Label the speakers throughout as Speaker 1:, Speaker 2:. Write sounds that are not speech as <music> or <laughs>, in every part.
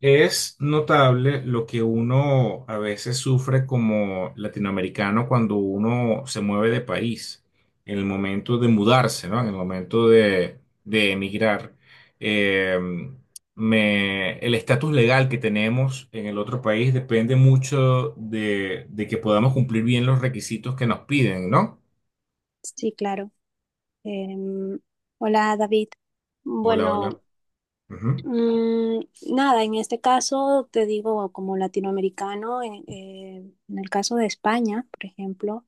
Speaker 1: Es notable lo que uno a veces sufre como latinoamericano cuando uno se mueve de país, en el momento de mudarse, ¿no? En el momento de emigrar. Eh, el estatus legal que tenemos en el otro país depende mucho de que podamos cumplir bien los requisitos que nos piden, ¿no?
Speaker 2: Sí, claro. Em, hola, David.
Speaker 1: Hola, hola.
Speaker 2: Bueno,
Speaker 1: Ujú.
Speaker 2: mm, nada, en este caso te digo como latinoamericano, en el caso de España, por ejemplo,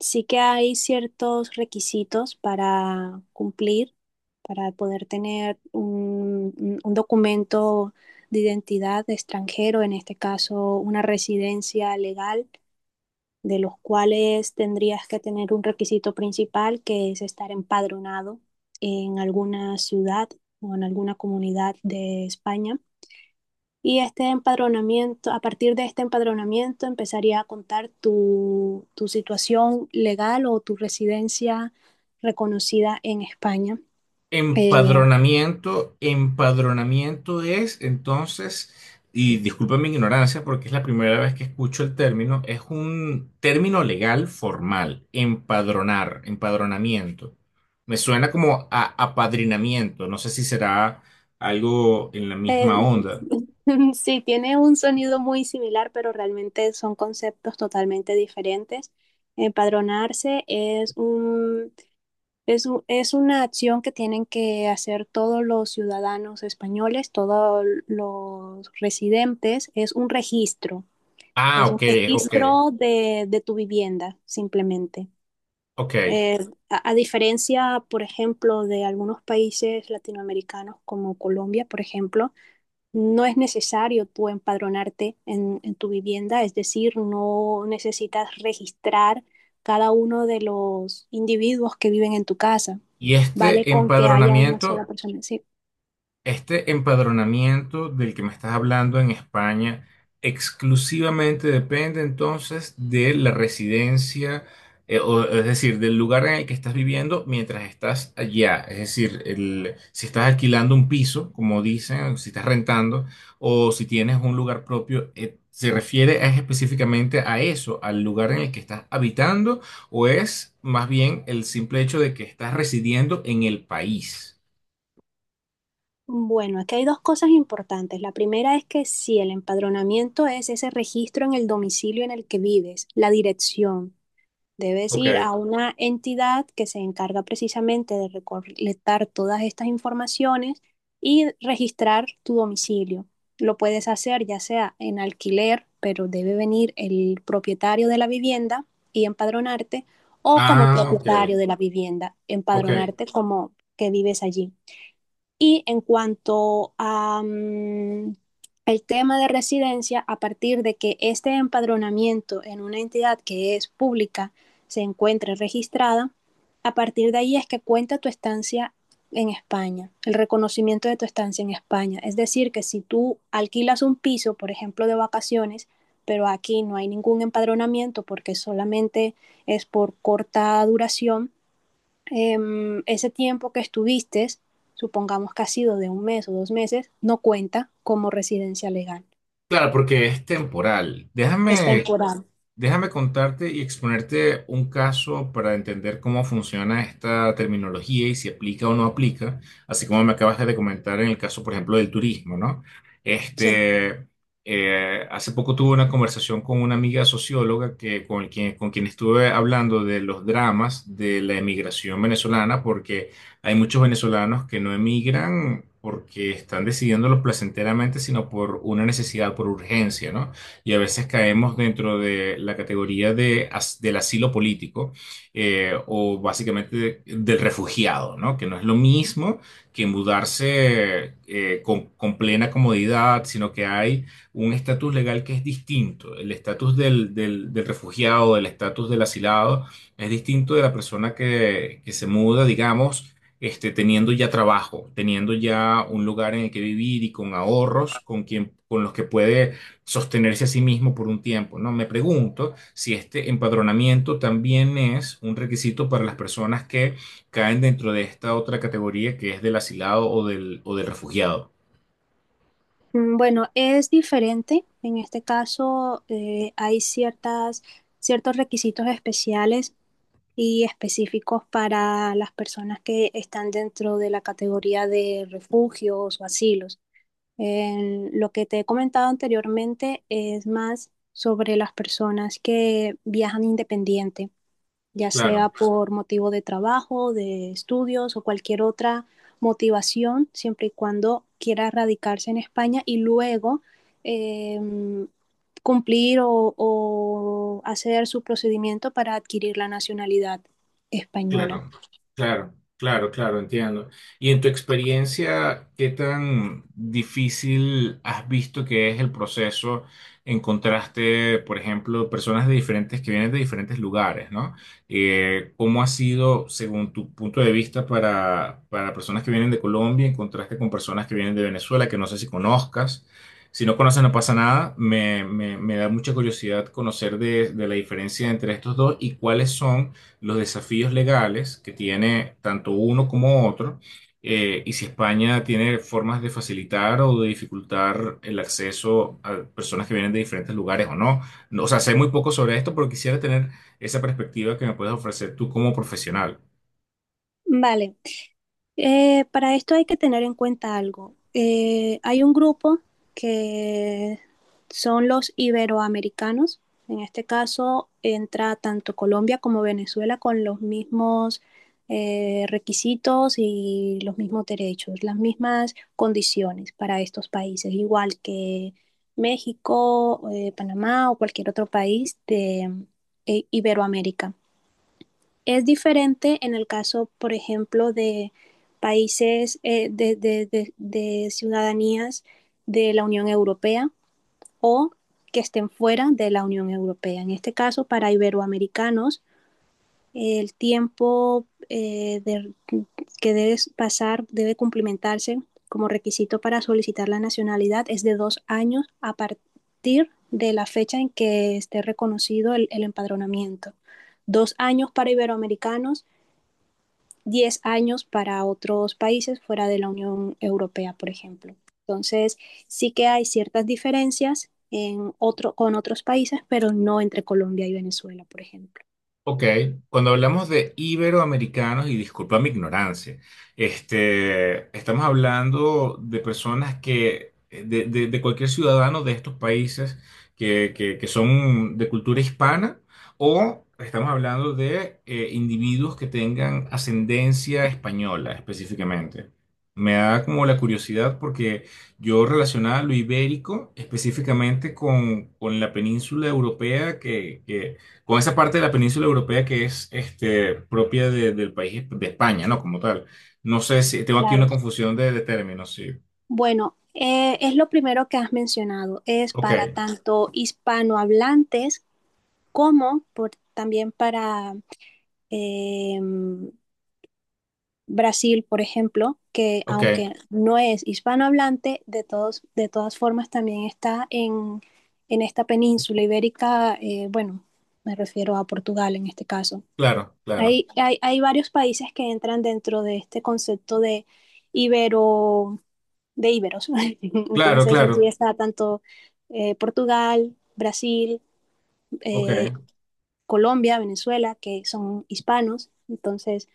Speaker 2: sí que hay ciertos requisitos para cumplir, para poder tener un documento de identidad de extranjero, en este caso una residencia legal. De los cuales tendrías que tener un requisito principal que es estar empadronado en alguna ciudad o en alguna comunidad de España. Y este empadronamiento, a partir de este empadronamiento empezaría a contar tu situación legal o tu residencia reconocida en España. Eh,
Speaker 1: Empadronamiento, empadronamiento es entonces, y disculpen mi ignorancia porque es la primera vez que escucho el término, es un término legal formal, empadronar, empadronamiento. Me suena como a apadrinamiento, no sé si será algo en la
Speaker 2: eh,
Speaker 1: misma onda.
Speaker 2: <laughs> sí, tiene un sonido muy similar, pero realmente son conceptos totalmente diferentes. Empadronarse es un... es una acción que tienen que hacer todos los ciudadanos españoles, todos los residentes.
Speaker 1: Ah,
Speaker 2: Es un
Speaker 1: ok, ok,
Speaker 2: registro de tu vivienda, simplemente.
Speaker 1: ok.
Speaker 2: Eh, a, diferencia, por ejemplo, de algunos países latinoamericanos como Colombia, por ejemplo, no es necesario tú empadronarte en tu vivienda, es decir, no necesitas registrar cada uno de los individuos que viven en tu casa.
Speaker 1: Y
Speaker 2: Vale
Speaker 1: este
Speaker 2: con que haya una sola
Speaker 1: empadronamiento,
Speaker 2: persona. Sí.
Speaker 1: este empadronamiento del que me estás hablando en España exclusivamente depende entonces de la residencia, o, es decir, del lugar en el que estás viviendo mientras estás allá. Es decir, si estás alquilando un piso, como dicen, si estás rentando, o si tienes un lugar propio, ¿se refiere es específicamente a eso, al lugar en el que estás habitando, o es más bien el simple hecho de que estás residiendo en el país?
Speaker 2: Bueno, aquí hay dos cosas importantes. La primera es que sí, el empadronamiento es ese registro en el domicilio en el que vives, la dirección. Debes ir a
Speaker 1: Ok.
Speaker 2: una entidad que se encarga precisamente de recolectar todas estas informaciones y registrar tu domicilio. Lo puedes hacer ya sea en alquiler, pero debe venir el propietario de la vivienda y empadronarte, o como
Speaker 1: Ah, ok,
Speaker 2: propietario de la vivienda,
Speaker 1: ok.
Speaker 2: empadronarte como que vives allí. Y en cuanto a, el tema de residencia, a partir de que este empadronamiento en una entidad que es pública se encuentre registrada, a partir de ahí es que cuenta tu estancia en España, el reconocimiento de tu estancia en España. Es decir, que si tú alquilas un piso, por ejemplo, de vacaciones, pero aquí no hay ningún empadronamiento porque solamente es por corta duración, ese tiempo que estuviste, supongamos que ha sido de 1 mes o 2 meses, no cuenta como residencia legal.
Speaker 1: Claro, porque es temporal.
Speaker 2: Es
Speaker 1: Déjame
Speaker 2: temporal.
Speaker 1: Déjame contarte y exponerte un caso para entender cómo funciona esta terminología y si aplica o no aplica, así como me acabas de comentar en el caso, por ejemplo, del turismo, ¿no?
Speaker 2: Sí.
Speaker 1: Este, Hace poco tuve una conversación con una amiga socióloga con quien estuve hablando de los dramas de la emigración venezolana, porque hay muchos venezolanos que no emigran porque están decidiéndolo placenteramente, sino por una necesidad, por urgencia, ¿no? Y a veces caemos dentro de la categoría del asilo político, o básicamente del refugiado, ¿no? Que no es lo mismo que mudarse con plena comodidad, sino que hay un estatus legal que es distinto. El estatus del refugiado, del estatus del asilado, es distinto de la persona que se muda, digamos, teniendo ya trabajo, teniendo ya un lugar en el que vivir y con ahorros con los que puede sostenerse a sí mismo por un tiempo, ¿no? Me pregunto si este empadronamiento también es un requisito para las personas que caen dentro de esta otra categoría que es del asilado o del refugiado.
Speaker 2: Bueno, es diferente. En este caso, hay ciertos requisitos especiales y específicos para las personas que están dentro de la categoría de refugios o asilos. En lo que te he comentado anteriormente es más sobre las personas que viajan independiente ya sea
Speaker 1: Claro.
Speaker 2: por motivo de trabajo, de estudios o cualquier otra motivación, siempre y cuando quiera radicarse en España y luego eh, cumplir o hacer su procedimiento para adquirir la nacionalidad española.
Speaker 1: Claro, claro, entiendo. Y en tu experiencia, ¿qué tan difícil has visto que es el proceso? Encontraste, por ejemplo, personas de diferentes que vienen de diferentes lugares, ¿no? ¿Cómo ha sido, según tu punto de vista, para personas que vienen de Colombia, en contraste con personas que vienen de Venezuela, que no sé si conozcas? Si no conoces, no pasa nada. Me da mucha curiosidad conocer de la diferencia entre estos dos y cuáles son los desafíos legales que tiene tanto uno como otro, y si España tiene formas de facilitar o de dificultar el acceso a personas que vienen de diferentes lugares o no. No, o sea, sé muy poco sobre esto, pero quisiera tener esa perspectiva que me puedes ofrecer tú como profesional.
Speaker 2: Vale. Para esto hay que tener en cuenta algo. Hay un grupo que son los iberoamericanos. En este caso entra tanto Colombia como Venezuela con los mismos requisitos y los mismos derechos, las mismas condiciones para estos países, igual que México, Panamá o cualquier otro país de Iberoamérica. Es diferente en el caso, por ejemplo, de países de ciudadanías de la Unión Europea o que estén fuera de la Unión Europea. En este caso, para iberoamericanos, el tiempo que debe pasar debe cumplimentarse como requisito para solicitar la nacionalidad es de 2 años a partir de la fecha en que esté reconocido el empadronamiento. 2 años para iberoamericanos, 10 años para otros países fuera de la Unión Europea, por ejemplo. Entonces, sí que hay ciertas diferencias en otro, con otros países, pero no entre Colombia y Venezuela, por ejemplo.
Speaker 1: Ok, cuando hablamos de iberoamericanos, y disculpa mi ignorancia, estamos hablando de personas que, de cualquier ciudadano de estos países que son de cultura hispana, o estamos hablando de individuos que tengan ascendencia española específicamente. Me da como la curiosidad porque yo relacionaba lo ibérico específicamente con la península europea, con esa parte de la península europea que es, propia del país de España, ¿no? Como tal. No sé si tengo aquí
Speaker 2: Claro.
Speaker 1: una confusión de términos, sí.
Speaker 2: Bueno, es lo primero que has mencionado, es
Speaker 1: Ok,
Speaker 2: para tanto hispanohablantes como por, también para eh, Brasil, por ejemplo, que
Speaker 1: ok,
Speaker 2: aunque no es hispanohablante, de todas formas también está en esta península ibérica, bueno, me refiero a Portugal en este caso.
Speaker 1: claro, claro,
Speaker 2: Hay varios países que entran dentro de este concepto de ibero, de iberos. <laughs>
Speaker 1: claro,
Speaker 2: Entonces, allí
Speaker 1: claro,
Speaker 2: está tanto Portugal, Brasil,
Speaker 1: ok,
Speaker 2: eh, Colombia, Venezuela, que son hispanos. Entonces,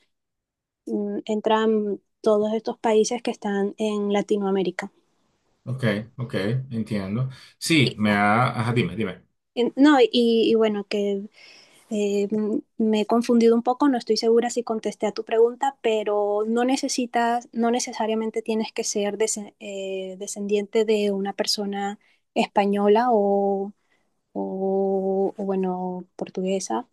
Speaker 2: entran todos estos países que están en Latinoamérica.
Speaker 1: ok, ok, entiendo. Sí,
Speaker 2: Y,
Speaker 1: me ha... Ajá, dime, dime.
Speaker 2: no, y bueno, que me he confundido un poco, no estoy segura si contesté a tu pregunta, pero no necesitas, no necesariamente tienes que ser descendiente de una persona española o bueno, portuguesa,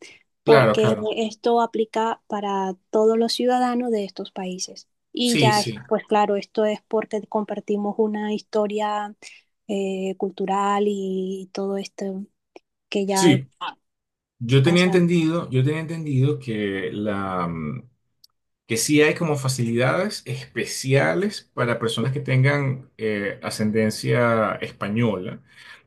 Speaker 1: Claro,
Speaker 2: porque
Speaker 1: claro.
Speaker 2: esto aplica para todos los ciudadanos de estos países. Y
Speaker 1: Sí,
Speaker 2: ya, es,
Speaker 1: sí.
Speaker 2: pues claro, esto es porque compartimos una historia cultural y todo esto que ya
Speaker 1: Sí, yo tenía
Speaker 2: pasa.
Speaker 1: entendido, yo tenía entendido que que sí hay como facilidades especiales para personas que tengan ascendencia española,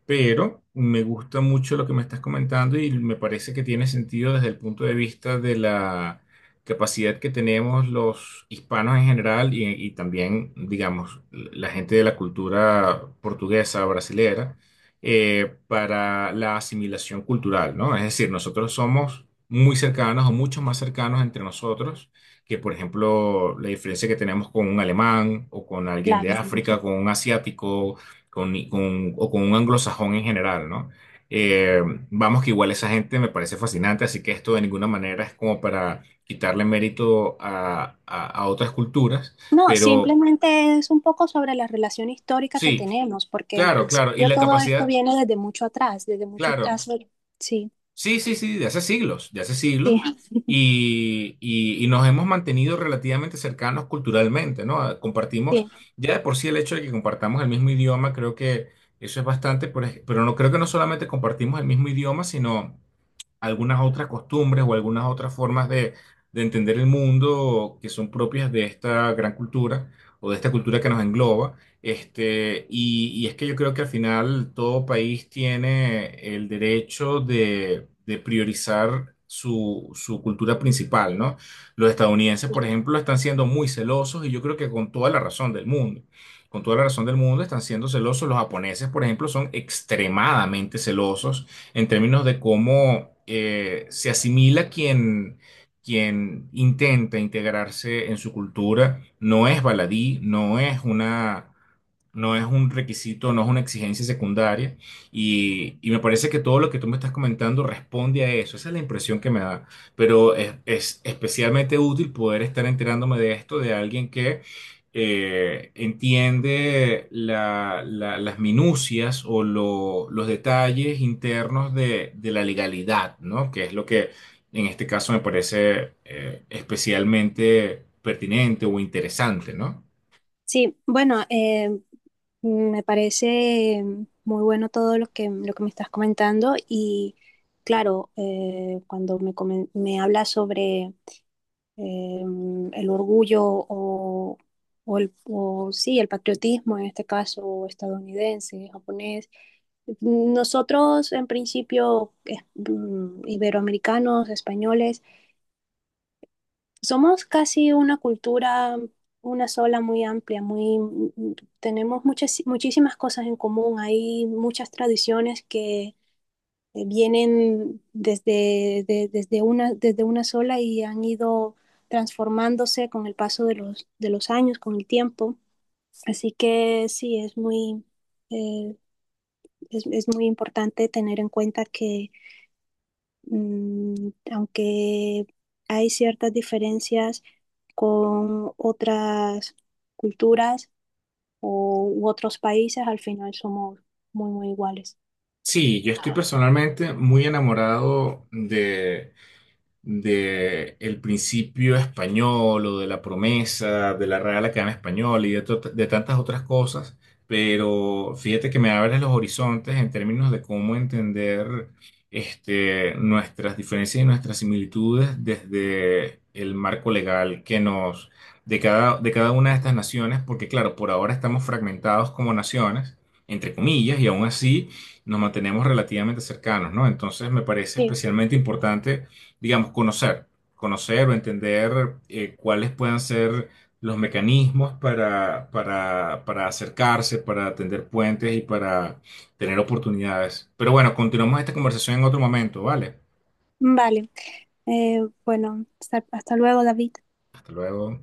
Speaker 1: pero me gusta mucho lo que me estás comentando y me parece que tiene sentido desde el punto de vista de la capacidad que tenemos los hispanos en general y también, digamos, la gente de la cultura portuguesa, brasilera, para la asimilación cultural, ¿no? Es decir, nosotros somos muy cercanos o mucho más cercanos entre nosotros que, por ejemplo, la diferencia que tenemos con un alemán o con alguien
Speaker 2: Claro.
Speaker 1: de África, con un asiático, o con un anglosajón en general, ¿no? Eh, Vamos que igual esa gente me parece fascinante, así que esto de ninguna manera es como para quitarle mérito a otras culturas,
Speaker 2: No,
Speaker 1: pero
Speaker 2: simplemente es un poco sobre la relación histórica que
Speaker 1: sí,
Speaker 2: tenemos, porque en
Speaker 1: claro, claro, y
Speaker 2: principio
Speaker 1: la
Speaker 2: todo esto
Speaker 1: capacidad,
Speaker 2: viene desde mucho atrás, desde mucho atrás.
Speaker 1: claro.
Speaker 2: Sí,
Speaker 1: Sí, sí, sí, de hace siglos, de hace
Speaker 2: sí,
Speaker 1: siglos. Y nos hemos mantenido relativamente cercanos culturalmente, ¿no? Ah, compartimos,
Speaker 2: sí.
Speaker 1: ya de por sí el hecho de que compartamos el mismo idioma, creo que eso es bastante, pero no creo que no solamente compartimos el mismo idioma, sino algunas otras costumbres o algunas otras formas de entender el mundo que son propias de esta gran cultura o de esta cultura que nos engloba. Y es que yo creo que al final todo país tiene el derecho de priorizar su, su cultura principal, ¿no? Los estadounidenses, por ejemplo, están siendo muy celosos y yo creo que con toda la razón del mundo. Con toda la razón del mundo están siendo celosos. Los japoneses, por ejemplo, son extremadamente celosos en términos de cómo se asimila quien, quien intenta integrarse en su cultura. No es baladí, no es un requisito, no es una exigencia secundaria, y me parece que todo lo que tú me estás comentando responde a eso, esa es la impresión que me da, pero es especialmente útil poder estar enterándome de esto de alguien que entiende las minucias o los detalles internos de la legalidad, ¿no? Que es lo que en este caso me parece especialmente pertinente o interesante, ¿no?
Speaker 2: Sí, bueno, me parece muy bueno todo lo que me estás comentando y claro, cuando me, me hablas sobre eh, el orgullo o el, o sí, el patriotismo, en este caso estadounidense, japonés. Nosotros, en principio, iberoamericanos, españoles, somos casi una cultura, una sola muy amplia, tenemos muchas, muchísimas cosas en común. Hay muchas tradiciones que vienen desde una sola y han ido transformándose con el paso de los años, con el tiempo. Así que sí, eh, es muy importante tener en cuenta que aunque hay ciertas diferencias, con otras culturas o, u otros países, al final somos muy, muy iguales.
Speaker 1: Sí, yo estoy personalmente muy enamorado de el principio español o de la promesa, de la Real Academia Española y de, de tantas otras cosas, pero fíjate que me abres los horizontes en términos de cómo entender, nuestras diferencias y nuestras similitudes desde el marco legal que nos, de cada una de estas naciones, porque claro, por ahora estamos fragmentados como naciones, entre comillas, y aún así nos mantenemos relativamente cercanos, ¿no? Entonces me parece
Speaker 2: Sí,
Speaker 1: especialmente importante, digamos, conocer, conocer o entender cuáles puedan ser los mecanismos para acercarse, para tender puentes y para tener oportunidades. Pero bueno, continuamos esta conversación en otro momento, ¿vale?
Speaker 2: vale. Eh, bueno, hasta, hasta luego, David.
Speaker 1: Hasta luego.